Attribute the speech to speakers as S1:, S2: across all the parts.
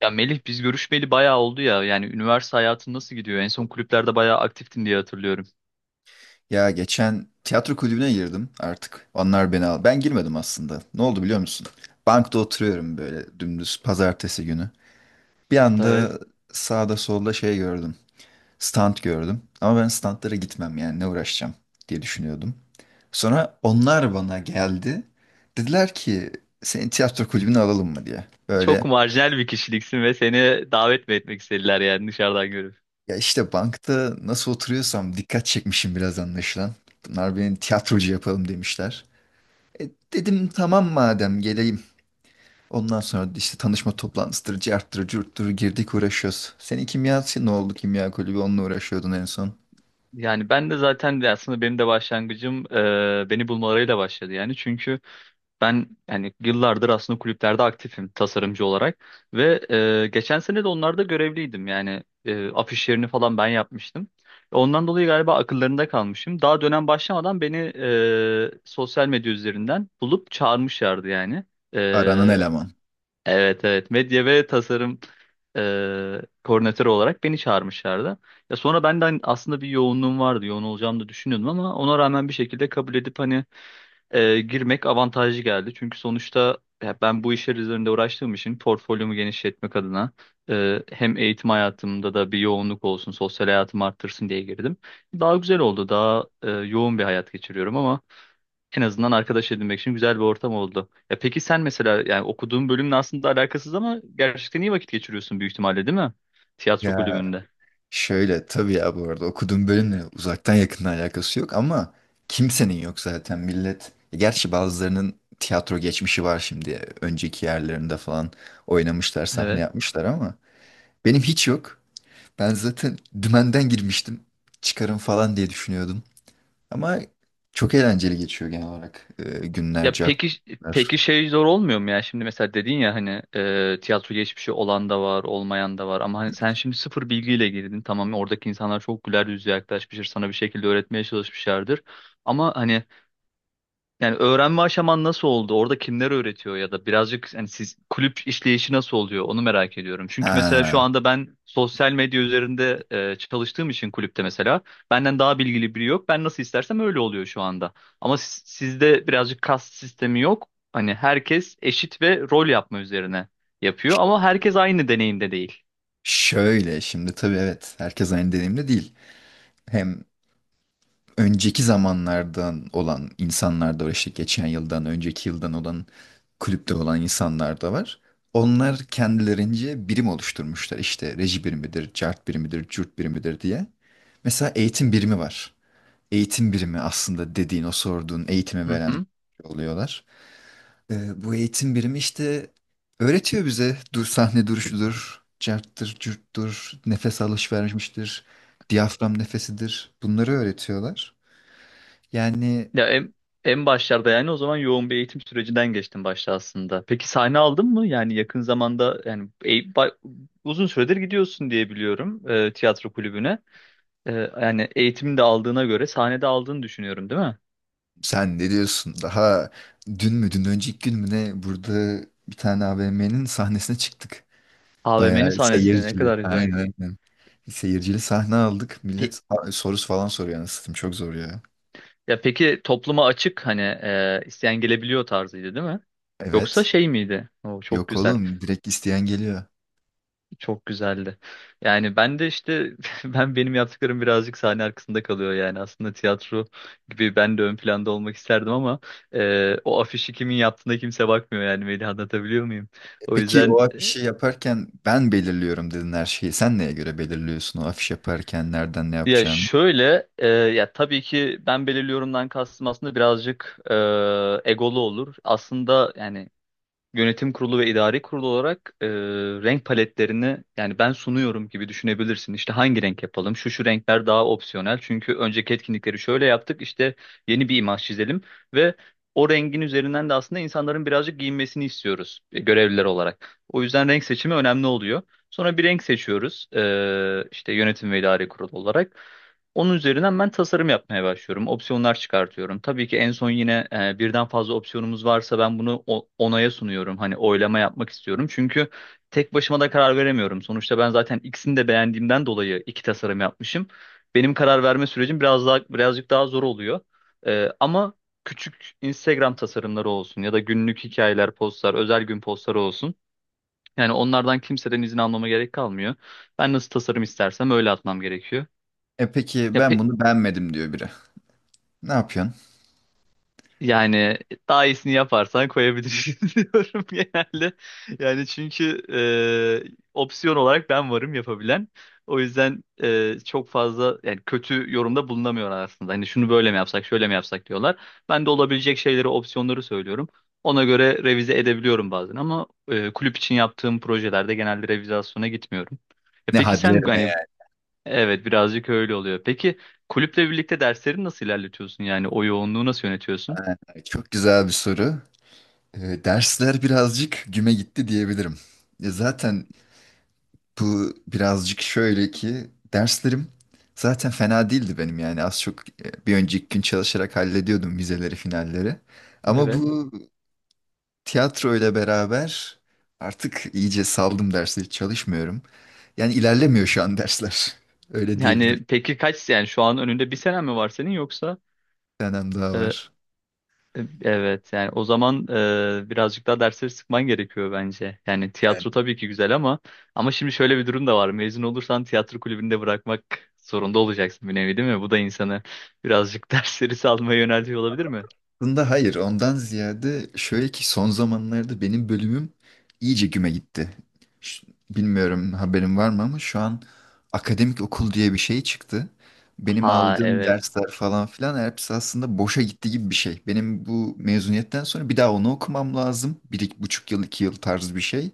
S1: Ya Melih biz görüşmeli bayağı oldu ya. Yani üniversite hayatın nasıl gidiyor? En son kulüplerde bayağı aktiftin diye hatırlıyorum.
S2: Ya geçen tiyatro kulübüne girdim artık. Onlar beni al. Ben girmedim aslında. Ne oldu biliyor musun? Bankta oturuyorum böyle dümdüz pazartesi günü. Bir
S1: Evet.
S2: anda sağda solda şey gördüm. Stand gördüm. Ama ben standlara gitmem yani ne uğraşacağım diye düşünüyordum. Sonra onlar bana geldi. Dediler ki seni tiyatro kulübüne alalım mı diye.
S1: Çok
S2: Böyle
S1: marjinal bir kişiliksin ve seni davet mi etmek istediler yani dışarıdan görüp.
S2: ya işte bankta nasıl oturuyorsam dikkat çekmişim biraz anlaşılan. Bunlar beni tiyatrocu yapalım demişler. Dedim tamam madem geleyim. Ondan sonra işte tanışma toplantısıdır, carttır, curttur girdik uğraşıyoruz. Senin kimyası ne oldu kimya kulübü onunla uğraşıyordun en son.
S1: Yani ben de zaten aslında benim de başlangıcım beni bulmalarıyla başladı yani. Çünkü ben yani yıllardır aslında kulüplerde aktifim tasarımcı olarak ve geçen sene de onlarda görevliydim. Yani afişlerini falan ben yapmıştım. Ondan dolayı galiba akıllarında kalmışım. Daha dönem başlamadan beni sosyal medya üzerinden bulup çağırmışlardı yani.
S2: Aranan
S1: E,
S2: eleman.
S1: evet evet, medya ve tasarım koordinatörü olarak beni çağırmışlardı. Ya sonra benden aslında bir yoğunluğum vardı. Yoğun olacağımı da düşünüyordum ama ona rağmen bir şekilde kabul edip hani girmek avantajlı geldi. Çünkü sonuçta ya ben bu işler üzerinde uğraştığım için portfolyomu genişletmek adına hem eğitim hayatımda da bir yoğunluk olsun, sosyal hayatım arttırsın diye girdim. Daha güzel oldu, daha yoğun bir hayat geçiriyorum ama en azından arkadaş edinmek için güzel bir ortam oldu. Ya peki sen mesela yani okuduğun bölümle aslında alakasız ama gerçekten iyi vakit geçiriyorsun büyük ihtimalle değil mi? Tiyatro
S2: Ya
S1: kulübünde.
S2: şöyle tabii ya bu arada okuduğum bölümle uzaktan yakından alakası yok ama kimsenin yok zaten millet. Gerçi bazılarının tiyatro geçmişi var şimdi. Önceki yerlerinde falan oynamışlar, sahne yapmışlar ama benim hiç yok. Ben zaten dümenden girmiştim. Çıkarım falan diye düşünüyordum. Ama çok eğlenceli geçiyor genel olarak günler,
S1: Ya peki,
S2: cartlar.
S1: peki şey zor olmuyor mu ya? Şimdi mesela dedin ya hani tiyatro geçmişi olan da var, olmayan da var ama hani sen şimdi sıfır bilgiyle girdin. Tamam mı? Oradaki insanlar çok güler yüzlü yaklaşmıştır, sana bir şekilde öğretmeye çalışmışlardır. Ama hani yani öğrenme aşaman nasıl oldu? Orada kimler öğretiyor ya da birazcık hani siz kulüp işleyişi nasıl oluyor? Onu merak ediyorum. Çünkü mesela şu
S2: Ha,
S1: anda ben sosyal medya üzerinde çalıştığım için kulüpte mesela benden daha bilgili biri yok. Ben nasıl istersem öyle oluyor şu anda. Ama sizde birazcık kast sistemi yok. Hani herkes eşit ve rol yapma üzerine yapıyor ama herkes aynı deneyimde değil.
S2: şöyle şimdi tabii evet herkes aynı deneyimde değil. Hem önceki zamanlardan olan insanlar da var işte geçen yıldan, önceki yıldan olan kulüpte olan insanlar da var. Onlar kendilerince birim oluşturmuşlar işte reji birimidir, cart birimidir, cürt birimidir diye. Mesela eğitim birimi var. Eğitim birimi aslında dediğin o sorduğun eğitimi veren oluyorlar. Bu eğitim birimi işte öğretiyor bize dur sahne duruşudur, carttır, cürttür, nefes alış vermiştir, diyafram nefesidir. Bunları öğretiyorlar. Yani
S1: Ya en başlarda yani o zaman yoğun bir eğitim sürecinden geçtim başta aslında. Peki sahne aldın mı? Yani yakın zamanda yani uzun süredir gidiyorsun diye biliyorum tiyatro kulübüne. E, Yani eğitimini de aldığına göre sahnede aldığını düşünüyorum değil mi?
S2: sen ne diyorsun? Daha dün mü, dün önceki gün mü ne burada bir tane AVM'nin sahnesine çıktık.
S1: AVM'nin
S2: Bayağı
S1: sahnesini ne
S2: seyircili.
S1: kadar güzel.
S2: Aynen aynen. Seyircili sahne aldık.
S1: Pe-
S2: Millet sorusu falan soruyor anasını satayım. Çok zor ya.
S1: Ya peki topluma açık hani isteyen gelebiliyor tarzıydı değil mi? Yoksa
S2: Evet.
S1: şey miydi? Oo, çok
S2: Yok
S1: güzel.
S2: oğlum direkt isteyen geliyor.
S1: Çok güzeldi. Yani ben de işte ben benim yaptıklarım birazcık sahne arkasında kalıyor yani aslında tiyatro gibi ben de ön planda olmak isterdim ama o afişi kimin yaptığına kimse bakmıyor yani Melih, anlatabiliyor muyum? O
S2: Peki o
S1: yüzden
S2: afişi yaparken ben belirliyorum dedin her şeyi. Sen neye göre belirliyorsun o afiş yaparken nereden ne
S1: ya
S2: yapacağını?
S1: şöyle ya tabii ki ben belirliyorumdan kastım aslında birazcık egolu olur. Aslında yani yönetim kurulu ve idari kurulu olarak renk paletlerini yani ben sunuyorum gibi düşünebilirsin. İşte hangi renk yapalım? Şu şu renkler daha opsiyonel. Çünkü önceki etkinlikleri şöyle yaptık. İşte yeni bir imaj çizelim ve o rengin üzerinden de aslında insanların birazcık giyinmesini istiyoruz görevliler olarak. O yüzden renk seçimi önemli oluyor. Sonra bir renk seçiyoruz işte yönetim ve idari kurulu olarak. Onun üzerinden ben tasarım yapmaya başlıyorum. Opsiyonlar çıkartıyorum. Tabii ki en son yine birden fazla opsiyonumuz varsa ben bunu onaya sunuyorum. Hani oylama yapmak istiyorum. Çünkü tek başıma da karar veremiyorum. Sonuçta ben zaten ikisini de beğendiğimden dolayı iki tasarım yapmışım. Benim karar verme sürecim biraz daha birazcık daha zor oluyor. Ama küçük Instagram tasarımları olsun ya da günlük hikayeler, postlar, özel gün postları olsun. Yani onlardan kimseden izin almama gerek kalmıyor. Ben nasıl tasarım istersem öyle atmam gerekiyor.
S2: E peki
S1: Ya,
S2: ben bunu beğenmedim diyor biri. Ne yapıyorsun?
S1: yani daha iyisini yaparsan koyabilirsin diyorum genelde. Yani çünkü opsiyon olarak ben varım yapabilen. O yüzden çok fazla yani kötü yorumda bulunamıyorlar aslında. Hani şunu böyle mi yapsak, şöyle mi yapsak diyorlar. Ben de olabilecek şeyleri, opsiyonları söylüyorum. Ona göre revize edebiliyorum bazen ama kulüp için yaptığım projelerde genelde revizasyona gitmiyorum.
S2: Ne
S1: Peki sen hani
S2: hadlerine
S1: evet, birazcık öyle oluyor. Peki kulüple birlikte dersleri nasıl ilerletiyorsun? Yani o yoğunluğu nasıl yönetiyorsun?
S2: yani? Çok güzel bir soru. Dersler birazcık güme gitti diyebilirim. Zaten bu birazcık şöyle ki derslerim zaten fena değildi benim yani az çok bir önceki gün çalışarak hallediyordum vizeleri, finalleri. Ama
S1: Evet.
S2: bu tiyatro ile beraber artık iyice saldım dersleri çalışmıyorum. Yani ilerlemiyor şu an dersler. Öyle diyebilirim.
S1: Yani peki kaç, yani şu an önünde bir sene mi var senin yoksa?
S2: Bir tanem daha
S1: Ee,
S2: var.
S1: evet, yani o zaman birazcık daha dersleri sıkman gerekiyor bence. Yani
S2: Yani
S1: tiyatro tabii ki güzel ama, ama şimdi şöyle bir durum da var. Mezun olursan tiyatro kulübünde bırakmak zorunda olacaksın bir nevi değil mi? Bu da insanı birazcık dersleri salmaya yöneltiyor olabilir mi?
S2: aslında hayır, ondan ziyade şöyle ki son zamanlarda benim bölümüm iyice güme gitti. Bilmiyorum haberin var mı ama şu an akademik okul diye bir şey çıktı. Benim
S1: Ha
S2: aldığım
S1: evet.
S2: dersler falan filan hepsi aslında boşa gitti gibi bir şey. Benim bu mezuniyetten sonra bir daha onu okumam lazım. Bir iki buçuk yıl iki yıl tarzı bir şey.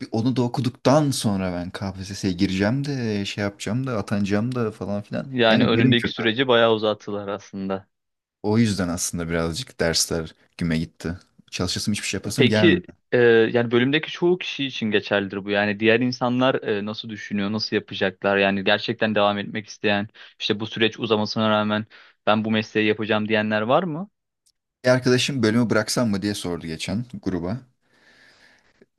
S2: Bir onu da okuduktan sonra ben KPSS'ye gireceğim de şey yapacağım da atanacağım da falan filan.
S1: Yani
S2: Yani bölüm
S1: önündeki
S2: kötü.
S1: süreci bayağı uzattılar aslında.
S2: O yüzden aslında birazcık dersler güme gitti. Çalışasım hiçbir şey yapasım gelmiyor.
S1: Peki yani bölümdeki çoğu kişi için geçerlidir bu. Yani diğer insanlar nasıl düşünüyor, nasıl yapacaklar? Yani gerçekten devam etmek isteyen, işte bu süreç uzamasına rağmen ben bu mesleği yapacağım diyenler var mı?
S2: Bir arkadaşım bölümü bıraksam mı diye sordu geçen gruba.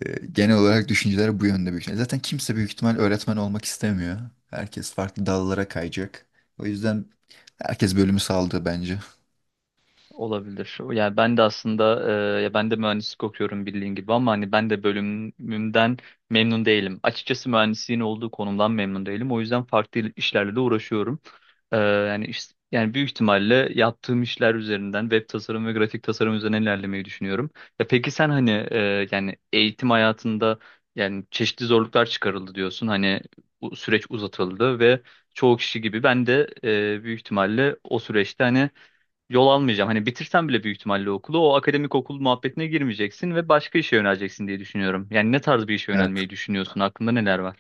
S2: Genel olarak düşünceler bu yönde büyük ihtimal. Zaten kimse büyük ihtimal öğretmen olmak istemiyor. Herkes farklı dallara kayacak. O yüzden herkes bölümü saldı bence.
S1: Olabilir. Yani ben de aslında ya ben de mühendislik okuyorum bildiğin gibi ama hani ben de bölümümden memnun değilim. Açıkçası mühendisliğin olduğu konumdan memnun değilim. O yüzden farklı işlerle de uğraşıyorum. Yani yani büyük ihtimalle yaptığım işler üzerinden web tasarım ve grafik tasarım üzerine ilerlemeyi düşünüyorum. Ya peki sen hani yani eğitim hayatında yani çeşitli zorluklar çıkarıldı diyorsun. Hani bu süreç uzatıldı ve çoğu kişi gibi ben de büyük ihtimalle o süreçte hani yol almayacağım. Hani bitirsen bile büyük ihtimalle okulu o akademik okul muhabbetine girmeyeceksin ve başka işe yöneleceksin diye düşünüyorum. Yani ne tarz bir işe
S2: Evet.
S1: yönelmeyi düşünüyorsun? Aklında neler var?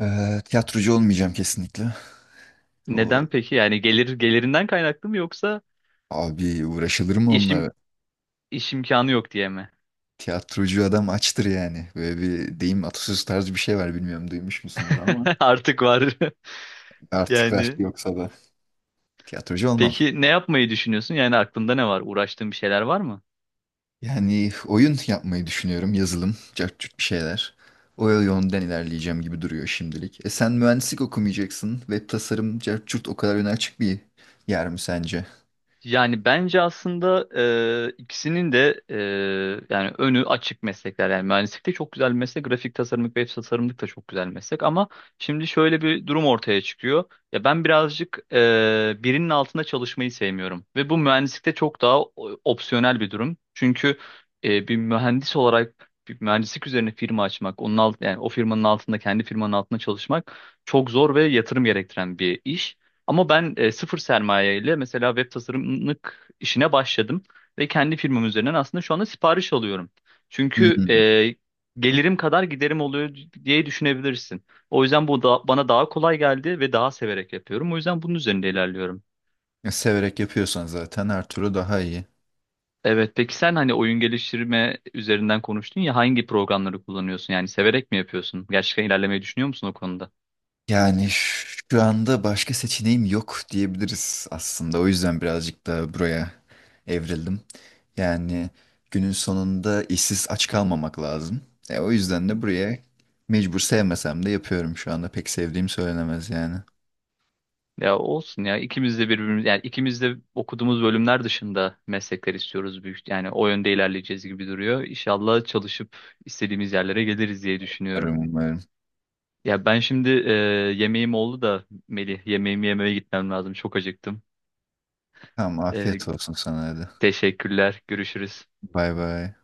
S2: Tiyatrocu olmayacağım kesinlikle.
S1: Neden
S2: O
S1: peki? Yani gelir, gelirinden kaynaklı mı yoksa
S2: abi uğraşılır mı
S1: işim
S2: onunla?
S1: iş imkanı yok diye mi?
S2: Tiyatrocu adam açtır yani. Böyle bir deyim atasöz tarzı bir şey var, bilmiyorum duymuş musundur ama
S1: Artık var.
S2: artık artıklar
S1: Yani
S2: yoksa da tiyatrocu olmam.
S1: peki ne yapmayı düşünüyorsun? Yani aklında ne var? Uğraştığın bir şeyler var mı?
S2: Yani oyun yapmayı düşünüyorum, yazılım, cart curt bir şeyler. O yönden ilerleyeceğim gibi duruyor şimdilik. E sen mühendislik okumayacaksın. Web tasarım, cart curt o kadar öne açık bir yer mi sence?
S1: Yani bence aslında ikisinin de yani önü açık meslekler. Yani mühendislik de çok güzel bir meslek, grafik tasarımlık ve web tasarımlık da çok güzel bir meslek. Ama şimdi şöyle bir durum ortaya çıkıyor. Ya ben birazcık birinin altında çalışmayı sevmiyorum ve bu mühendislikte çok daha opsiyonel bir durum. Çünkü bir mühendis olarak bir mühendislik üzerine firma açmak, onun alt, yani o firmanın altında kendi firmanın altında çalışmak çok zor ve yatırım gerektiren bir iş. Ama ben sıfır sermaye ile mesela web tasarımlık işine başladım ve kendi firmam üzerinden aslında şu anda sipariş alıyorum. Çünkü
S2: Hmm.
S1: gelirim kadar giderim oluyor diye düşünebilirsin. O yüzden bu da bana daha kolay geldi ve daha severek yapıyorum. O yüzden bunun üzerinde ilerliyorum.
S2: Severek yapıyorsan zaten her türlü daha iyi.
S1: Evet, peki sen hani oyun geliştirme üzerinden konuştun ya, hangi programları kullanıyorsun? Yani severek mi yapıyorsun? Gerçekten ilerlemeyi düşünüyor musun o konuda?
S2: Yani şu anda başka seçeneğim yok diyebiliriz aslında. O yüzden birazcık da buraya evrildim. Yani günün sonunda işsiz aç kalmamak lazım. O yüzden de buraya mecbur sevmesem de yapıyorum şu anda. Pek sevdiğim söylenemez yani.
S1: Ya olsun ya, ikimiz de birbirimiz yani ikimiz de okuduğumuz bölümler dışında meslekler istiyoruz büyük, yani o yönde ilerleyeceğiz gibi duruyor. İnşallah çalışıp istediğimiz yerlere geliriz diye düşünüyorum.
S2: Umarım.
S1: Ya ben şimdi yemeğim oldu da Melih, yemeğimi yemeye gitmem lazım, çok acıktım.
S2: Tamam afiyet
S1: E,
S2: olsun sana hadi.
S1: Teşekkürler, görüşürüz.
S2: Bay bay.